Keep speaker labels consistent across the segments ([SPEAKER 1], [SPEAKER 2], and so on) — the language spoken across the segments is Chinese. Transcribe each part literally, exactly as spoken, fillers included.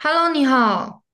[SPEAKER 1] Hello，你好。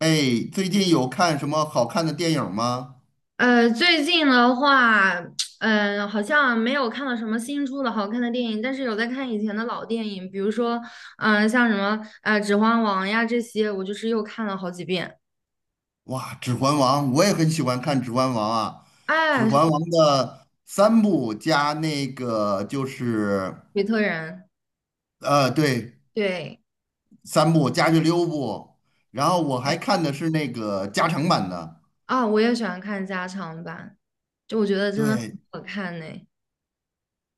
[SPEAKER 2] 哎，最近有看什么好看的电影吗？
[SPEAKER 1] 呃，最近的话，嗯、好像没有看到什么新出的好看的电影，但是有在看以前的老电影，比如说，嗯、像什么呃《指环王》呀这些，我就是又看了好几遍。
[SPEAKER 2] 哇，《指环王》，我也很喜欢看《指环王》啊，《指
[SPEAKER 1] 哎，
[SPEAKER 2] 环王》的三部加那个就是
[SPEAKER 1] 比特人，
[SPEAKER 2] 呃，对，
[SPEAKER 1] 对，
[SPEAKER 2] 三部加去六部，然后我还
[SPEAKER 1] 对
[SPEAKER 2] 看的是那个加长版的。
[SPEAKER 1] 啊、我也喜欢看加长版，就我觉得真的很
[SPEAKER 2] 对，
[SPEAKER 1] 好看呢。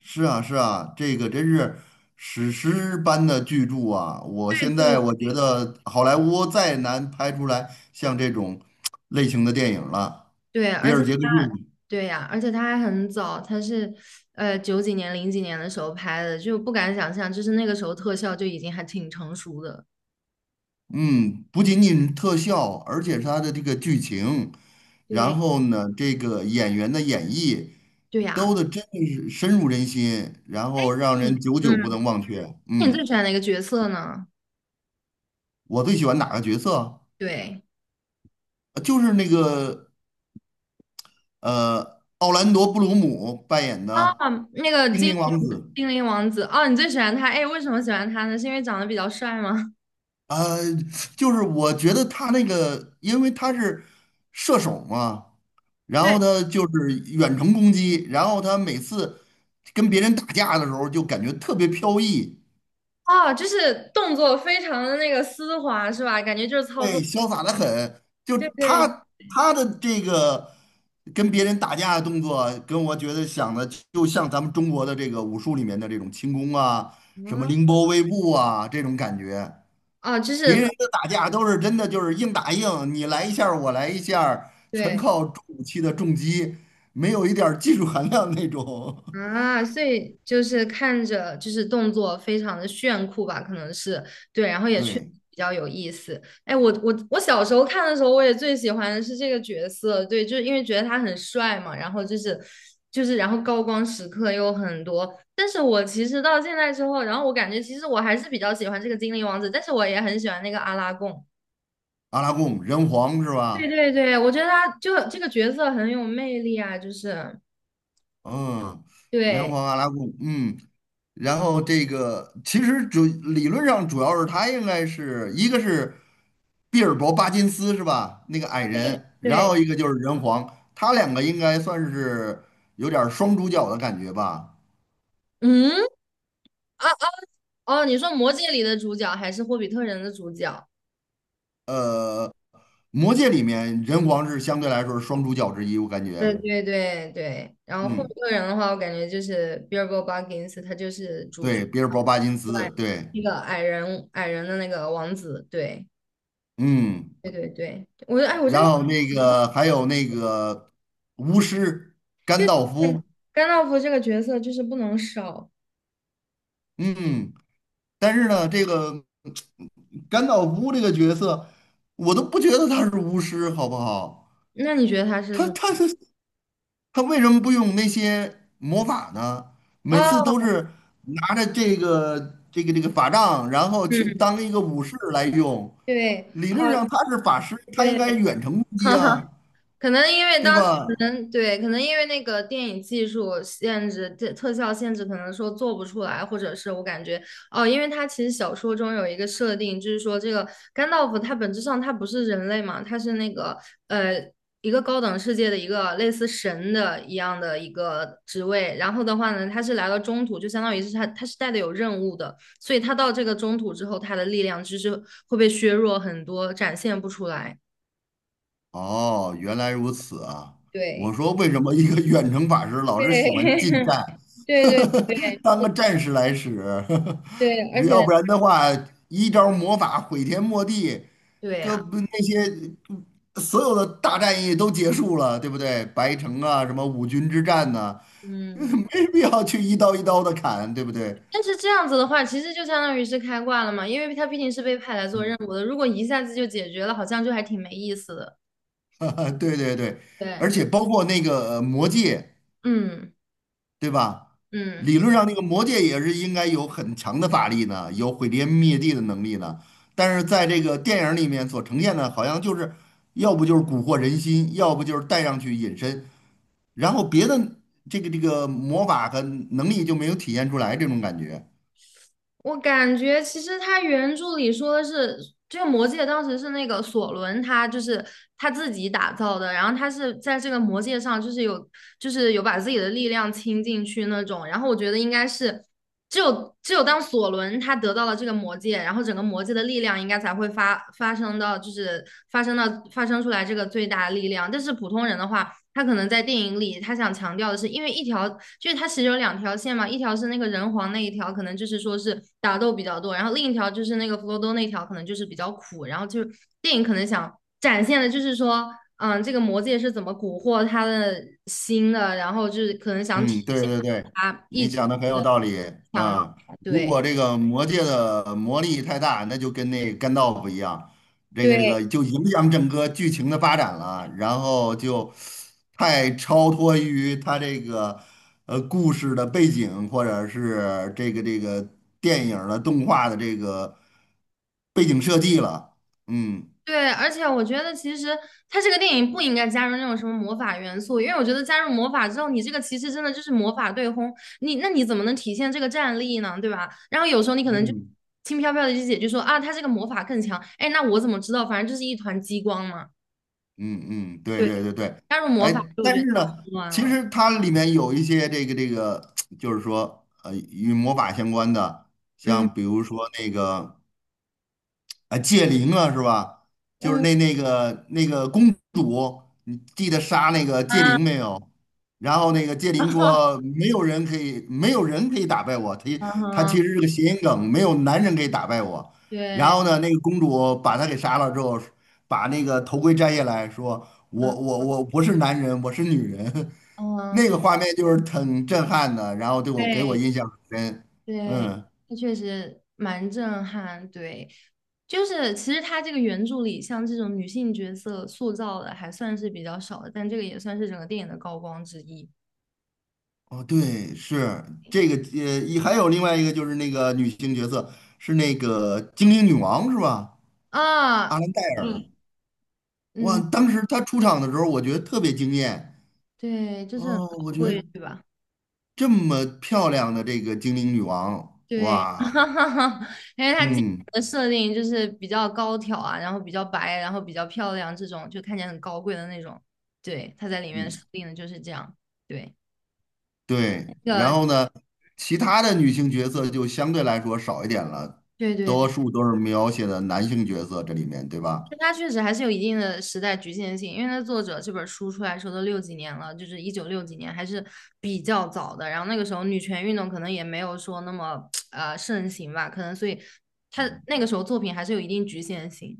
[SPEAKER 2] 是啊，是啊，这个真是史诗般的巨著啊！我现在我觉得好莱坞再难拍出来像这种类型的电影了，
[SPEAKER 1] 对，对
[SPEAKER 2] 比
[SPEAKER 1] 而且
[SPEAKER 2] 尔·杰克逊。
[SPEAKER 1] 对呀、而且它还很早，它是呃九几年、零几年的时候拍的，就不敢想象，就是那个时候特效就已经还挺成熟的。
[SPEAKER 2] 嗯，不仅仅特效，而且是它的这个剧情，然
[SPEAKER 1] 对
[SPEAKER 2] 后呢，这个演员的演绎，
[SPEAKER 1] 对呀，
[SPEAKER 2] 都的真的是深入人心，然后让人
[SPEAKER 1] 嗯
[SPEAKER 2] 久久
[SPEAKER 1] 嗯，
[SPEAKER 2] 不能忘却。
[SPEAKER 1] 那你
[SPEAKER 2] 嗯，
[SPEAKER 1] 最喜欢哪个角色呢？
[SPEAKER 2] 我最喜欢哪个角色？
[SPEAKER 1] 对
[SPEAKER 2] 呃就是那个呃，奥兰多·布鲁姆扮演
[SPEAKER 1] 啊，
[SPEAKER 2] 的
[SPEAKER 1] 那个
[SPEAKER 2] 精
[SPEAKER 1] 精
[SPEAKER 2] 灵王
[SPEAKER 1] 灵
[SPEAKER 2] 子。
[SPEAKER 1] 精灵王子哦，你最喜欢他？哎，为什么喜欢他呢？是因为长得比较帅吗？
[SPEAKER 2] 呃，就是我觉得他那个，因为他是射手嘛，然
[SPEAKER 1] 对
[SPEAKER 2] 后呢就是远程攻击，然后他每次跟别人打架的时候就感觉特别飘逸，
[SPEAKER 1] 哦，就是动作非常的那个丝滑，是吧？感觉就是操作，
[SPEAKER 2] 对，潇洒的很。就
[SPEAKER 1] 对对
[SPEAKER 2] 他他的这个跟别人打架的动作，跟我觉得想的就像咱们中国的这个武术里面的这种轻功啊，什么凌
[SPEAKER 1] 啊
[SPEAKER 2] 波微步啊这种感觉。
[SPEAKER 1] 啊，就是
[SPEAKER 2] 别
[SPEAKER 1] 反
[SPEAKER 2] 人的打架都是真的，就是硬打硬，你来一下儿我来一下儿全
[SPEAKER 1] 对
[SPEAKER 2] 靠重武器的重击，没有一点儿技术含量那种。
[SPEAKER 1] 啊，所以就是看着就是动作非常的炫酷吧，可能是对，然后 也确实
[SPEAKER 2] 对，
[SPEAKER 1] 比较有意思。哎，我我我小时候看的时候，我也最喜欢的是这个角色，对，就是因为觉得他很帅嘛，然后就是就是然后高光时刻又很多。但是我其实到现在之后，然后我感觉其实我还是比较喜欢这个精灵王子，但是我也很喜欢那个阿拉贡。
[SPEAKER 2] 阿拉贡人皇是
[SPEAKER 1] 对
[SPEAKER 2] 吧？
[SPEAKER 1] 对对，我觉得他就这个角色很有魅力啊，就是
[SPEAKER 2] 嗯，人
[SPEAKER 1] 对
[SPEAKER 2] 皇阿拉贡，嗯，然后这个其实主理论上主要是他应该是一个是毕尔博巴金斯是吧？那个矮人，然
[SPEAKER 1] 对，
[SPEAKER 2] 后一个就是人皇，他两个应该算是有点儿双主角的感觉吧。
[SPEAKER 1] 嗯。啊。哦，你说《魔戒》里的主角还是《霍比特人》的主角？
[SPEAKER 2] 呃。魔戒里面人皇是相对来说是双主角之一，我感
[SPEAKER 1] 对
[SPEAKER 2] 觉，
[SPEAKER 1] 对对对。然后《霍
[SPEAKER 2] 嗯，
[SPEAKER 1] 比特人》的话，我感觉就是 Bilbo Baggins,他就是主角，
[SPEAKER 2] 对，比尔博·巴金
[SPEAKER 1] 另
[SPEAKER 2] 斯，
[SPEAKER 1] 外
[SPEAKER 2] 对，
[SPEAKER 1] 那个矮人矮人的那个王子。对
[SPEAKER 2] 嗯，
[SPEAKER 1] 对对对，我哎，我真
[SPEAKER 2] 然
[SPEAKER 1] 的
[SPEAKER 2] 后那个还有那个巫师
[SPEAKER 1] 就
[SPEAKER 2] 甘道
[SPEAKER 1] 对
[SPEAKER 2] 夫，
[SPEAKER 1] 甘道夫这个角色就是不能少。
[SPEAKER 2] 嗯，但是呢，这个甘道夫这个角色，我都不觉得他是巫师，好不好？
[SPEAKER 1] 那你觉得他是
[SPEAKER 2] 他
[SPEAKER 1] 什
[SPEAKER 2] 他
[SPEAKER 1] 么？
[SPEAKER 2] 是他为什么不用那些魔法呢？每次
[SPEAKER 1] 哦，
[SPEAKER 2] 都是拿着这个这个这个法杖，然后去
[SPEAKER 1] 嗯，
[SPEAKER 2] 当一个武士来用。
[SPEAKER 1] 对，
[SPEAKER 2] 理论
[SPEAKER 1] 哦，
[SPEAKER 2] 上他是法师，他
[SPEAKER 1] 对，
[SPEAKER 2] 应该 远程攻击
[SPEAKER 1] 哈哈。
[SPEAKER 2] 啊，
[SPEAKER 1] 可能因为
[SPEAKER 2] 对
[SPEAKER 1] 当时可
[SPEAKER 2] 吧？
[SPEAKER 1] 能对，可能因为那个电影技术限制、特特效限制，可能说做不出来，或者是我感觉哦，因为它其实小说中有一个设定，就是说这个甘道夫他本质上他不是人类嘛，他是那个呃一个高等世界的一个类似神的一样的一个职位，然后的话呢，他是来到中土，就相当于是他他是带的有任务的，所以他到这个中土之后，他的力量就是会被削弱很多，展现不出来。
[SPEAKER 2] 哦，原来如此啊！我
[SPEAKER 1] 对，
[SPEAKER 2] 说为什么一个远程法师老是
[SPEAKER 1] 对，
[SPEAKER 2] 喜欢近 战，
[SPEAKER 1] 对对对
[SPEAKER 2] 当个战士来使，
[SPEAKER 1] 对，而 且
[SPEAKER 2] 要不然的话，一招魔法毁天没地，
[SPEAKER 1] 对
[SPEAKER 2] 各
[SPEAKER 1] 呀，
[SPEAKER 2] 不那些所有的大战役都结束了，对不对？白城啊，什么五军之战呐、
[SPEAKER 1] 嗯，
[SPEAKER 2] 没必要去一刀一刀的砍，对不对？
[SPEAKER 1] 但是这样子的话，其实就相当于是开挂了嘛，因为他毕竟是被派来做
[SPEAKER 2] 嗯。
[SPEAKER 1] 任务的，如果一下子就解决了，好像就还挺没意思的。
[SPEAKER 2] 对对对，
[SPEAKER 1] 对，
[SPEAKER 2] 而且包括那个呃魔戒，
[SPEAKER 1] 嗯
[SPEAKER 2] 对吧？
[SPEAKER 1] 嗯。
[SPEAKER 2] 理论上那个魔戒也是应该有很强的法力呢，有毁天灭地的能力呢。但是在这个电影里面所呈现的，好像就是要不就是蛊惑人心，要不就是带上去隐身，然后别的这个这个魔法和能力就没有体现出来这种感觉。
[SPEAKER 1] 我感觉其实他原著里说的是，这个魔戒当时是那个索伦他就是他自己打造的，然后他是在这个魔戒上就是有就是有把自己的力量倾进去那种，然后我觉得应该是只有只有当索伦他得到了这个魔戒，然后整个魔戒的力量应该才会发发生到就是发生到发生出来这个最大的力量，但是普通人的话。他可能在电影里，他想强调的是，因为一条就是他其实有两条线嘛，一条是那个人皇那一条，可能就是说是打斗比较多，然后另一条就是那个弗罗多那条，可能就是比较苦。然后就是电影可能想展现的就是说，嗯，这个魔戒是怎么蛊惑他的心的，然后就是可能想体
[SPEAKER 2] 嗯，对
[SPEAKER 1] 现
[SPEAKER 2] 对对，
[SPEAKER 1] 他一
[SPEAKER 2] 你
[SPEAKER 1] 直
[SPEAKER 2] 讲的很有
[SPEAKER 1] 的
[SPEAKER 2] 道理。
[SPEAKER 1] 强
[SPEAKER 2] 啊！
[SPEAKER 1] 大
[SPEAKER 2] 如
[SPEAKER 1] 对
[SPEAKER 2] 果这个魔界的魔力太大，那就跟那干豆腐一样，这个这
[SPEAKER 1] 对，
[SPEAKER 2] 个就影响整个剧情的发展了，然后就太超脱于他这个呃故事的背景，或者是这个这个电影儿的动画的这个背景设计了。嗯
[SPEAKER 1] 对，而且我觉得其实它这个电影不应该加入那种什么魔法元素，因为我觉得加入魔法之后，你这个其实真的就是魔法对轰，你那你怎么能体现这个战力呢？对吧？然后有时候你可能就
[SPEAKER 2] 嗯，
[SPEAKER 1] 轻飘飘的就解决说啊，他这个魔法更强，哎，那我怎么知道？反正就是一团激光嘛。
[SPEAKER 2] 嗯嗯，对
[SPEAKER 1] 对，
[SPEAKER 2] 对对对，
[SPEAKER 1] 加入魔
[SPEAKER 2] 哎，
[SPEAKER 1] 法之我
[SPEAKER 2] 但
[SPEAKER 1] 觉得
[SPEAKER 2] 是
[SPEAKER 1] 它混
[SPEAKER 2] 呢，
[SPEAKER 1] 乱
[SPEAKER 2] 其
[SPEAKER 1] 了。
[SPEAKER 2] 实它里面有一些这个这个，就是说，呃，与魔法相关的，
[SPEAKER 1] 嗯
[SPEAKER 2] 像比如说那个啊，戒灵啊，是吧？就是
[SPEAKER 1] 嗯
[SPEAKER 2] 那那个那个公主，你记得杀那个戒
[SPEAKER 1] 啊
[SPEAKER 2] 灵没有？然后那个戒灵说，没有人可以，没有人可以打败我。他
[SPEAKER 1] 啊
[SPEAKER 2] 他
[SPEAKER 1] 哈，
[SPEAKER 2] 其实是个谐音梗，没有男人可以打败我。然
[SPEAKER 1] 对，
[SPEAKER 2] 后呢，那个公主把他给杀了之后，把那个头盔摘下来说，
[SPEAKER 1] 嗯
[SPEAKER 2] 我我我不是男人，我是女人。那
[SPEAKER 1] 嗯，
[SPEAKER 2] 个画面就是挺震撼的，然后对我给我
[SPEAKER 1] 对。
[SPEAKER 2] 印象很深。
[SPEAKER 1] 对，
[SPEAKER 2] 嗯。
[SPEAKER 1] 它确实蛮震撼。对，就是其实它这个原著里，像这种女性角色塑造的还算是比较少的，但这个也算是整个电影的高光之一
[SPEAKER 2] 哦，对，是这个，呃，一还有另外一个就是那个女性角色是那个精灵女王是吧？阿
[SPEAKER 1] 啊。
[SPEAKER 2] 兰戴
[SPEAKER 1] 嗯，
[SPEAKER 2] 尔，哇，
[SPEAKER 1] 嗯，
[SPEAKER 2] 当时她出场的时候，我觉得特别惊艳。
[SPEAKER 1] 对，就是很
[SPEAKER 2] 哦，我
[SPEAKER 1] 高
[SPEAKER 2] 觉得
[SPEAKER 1] 贵，对吧？
[SPEAKER 2] 这么漂亮的这个精灵女王，
[SPEAKER 1] 对，
[SPEAKER 2] 哇，
[SPEAKER 1] 因为它基
[SPEAKER 2] 嗯
[SPEAKER 1] 本的设定就是比较高挑啊，然后比较白，然后比较漂亮，这种就看起来很高贵的那种。对，它在里面设
[SPEAKER 2] 嗯，
[SPEAKER 1] 定的就是这样。对，
[SPEAKER 2] 对。
[SPEAKER 1] 那
[SPEAKER 2] 然
[SPEAKER 1] 个，
[SPEAKER 2] 后呢，其他的女性角色就相对来说少一点了，
[SPEAKER 1] 对对对。
[SPEAKER 2] 多数都是描写的男性角色这里面，对吧？
[SPEAKER 1] 但它确实还是有一定的时代局限性，因为它作者这本书出来的时候都六几年了，就是一九六几年，还是比较早的。然后那个时候女权运动可能也没有说那么呃盛行吧，可能所以它
[SPEAKER 2] 嗯。
[SPEAKER 1] 那个时候作品还是有一定局限性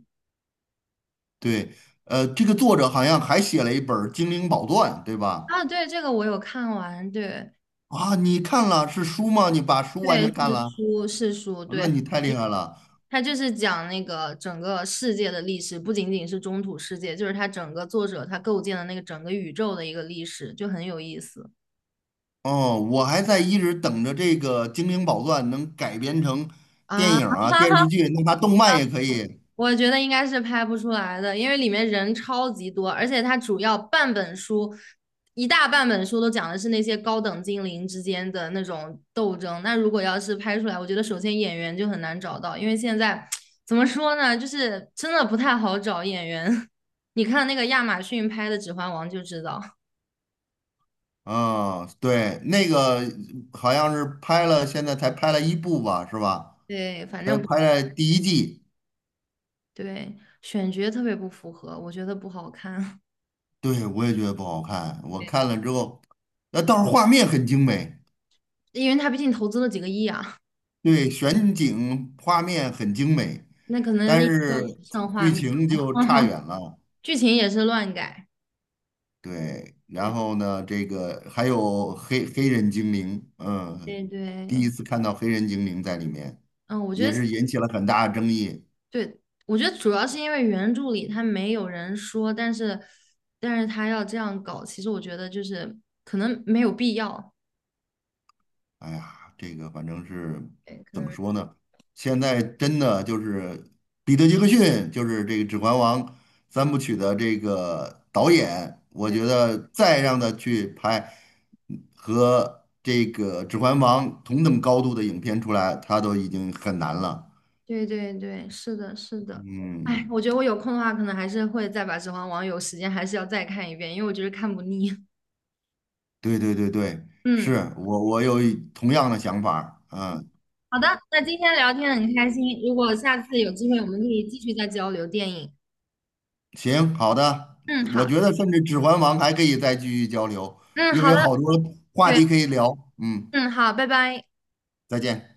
[SPEAKER 2] 对，呃，这个作者好像还写了一本儿《精灵宝钻》，对吧？
[SPEAKER 1] 啊。对，这个我有看完，对
[SPEAKER 2] 啊，你看了是书吗？你把书完
[SPEAKER 1] 对
[SPEAKER 2] 全看
[SPEAKER 1] 是
[SPEAKER 2] 了，
[SPEAKER 1] 书是书，
[SPEAKER 2] 那
[SPEAKER 1] 对，
[SPEAKER 2] 你太厉
[SPEAKER 1] 一
[SPEAKER 2] 害了。
[SPEAKER 1] 它就是讲那个整个世界的历史，不仅仅是中土世界，就是它整个作者他构建的那个整个宇宙的一个历史，就很有意思
[SPEAKER 2] 哦，我还在一直等着这个《精灵宝钻》能改编成电
[SPEAKER 1] 啊。
[SPEAKER 2] 影儿啊、电视 剧，那它动漫也可以。
[SPEAKER 1] 我觉得应该是拍不出来的，因为里面人超级多，而且它主要半本书，一大半本书都讲的是那些高等精灵之间的那种斗争。那如果要是拍出来，我觉得首先演员就很难找到，因为现在怎么说呢，就是真的不太好找演员。你看那个亚马逊拍的《指环王》就知道，
[SPEAKER 2] 啊，对，那个好像是拍了，现在才拍了一部吧，是吧？
[SPEAKER 1] 对，反
[SPEAKER 2] 才
[SPEAKER 1] 正不
[SPEAKER 2] 拍了第一季。
[SPEAKER 1] 对，选角特别不符合，我觉得不好看。
[SPEAKER 2] 对，我也觉得不好看，我
[SPEAKER 1] 对，
[SPEAKER 2] 看了之后，那倒是画面很精美。
[SPEAKER 1] 因为他毕竟投资了几个亿啊，
[SPEAKER 2] 对，选景画面很精美，
[SPEAKER 1] 那可能
[SPEAKER 2] 但
[SPEAKER 1] 那
[SPEAKER 2] 是
[SPEAKER 1] 要上画
[SPEAKER 2] 剧
[SPEAKER 1] 面。
[SPEAKER 2] 情就差远了。
[SPEAKER 1] 剧情也是乱改。
[SPEAKER 2] 对，然
[SPEAKER 1] 对，
[SPEAKER 2] 后呢，这个还有黑黑人精灵，嗯，
[SPEAKER 1] 对
[SPEAKER 2] 第一
[SPEAKER 1] 对，
[SPEAKER 2] 次看到黑人精灵在里面，
[SPEAKER 1] 嗯，我觉
[SPEAKER 2] 也
[SPEAKER 1] 得
[SPEAKER 2] 是引起了很大的争议。
[SPEAKER 1] 对，我觉得主要是因为原著里他没有人说，但是但是他要这样搞，其实我觉得就是可能没有必要，
[SPEAKER 2] 哎呀，这个反正是
[SPEAKER 1] 对，可
[SPEAKER 2] 怎么
[SPEAKER 1] 能
[SPEAKER 2] 说呢？现在真的就是彼得·杰克逊，就是这个《指环王》三部曲的这个导演，我
[SPEAKER 1] 对
[SPEAKER 2] 觉得再让他去拍和这个《指环王》同等高度的影片出来，他都已经很难了。
[SPEAKER 1] 对对对，是的，是的。哎，
[SPEAKER 2] 嗯，
[SPEAKER 1] 我觉得我有空的话，可能还是会再把《指环王》有时间还是要再看一遍，因为我觉得看不腻。
[SPEAKER 2] 对对对对，
[SPEAKER 1] 嗯，
[SPEAKER 2] 是我我有一同样的想法儿，嗯。
[SPEAKER 1] 好的，那今天聊天很开心，如果下次有机会，我们可以继续再交流电影。
[SPEAKER 2] 行，好的，
[SPEAKER 1] 嗯，
[SPEAKER 2] 我
[SPEAKER 1] 好，
[SPEAKER 2] 觉得甚至《指环王》还可以再继续交流，
[SPEAKER 1] 嗯，
[SPEAKER 2] 因为
[SPEAKER 1] 好的，
[SPEAKER 2] 有好多话
[SPEAKER 1] 对，
[SPEAKER 2] 题可以聊。嗯，
[SPEAKER 1] 嗯，好，拜拜。
[SPEAKER 2] 再见。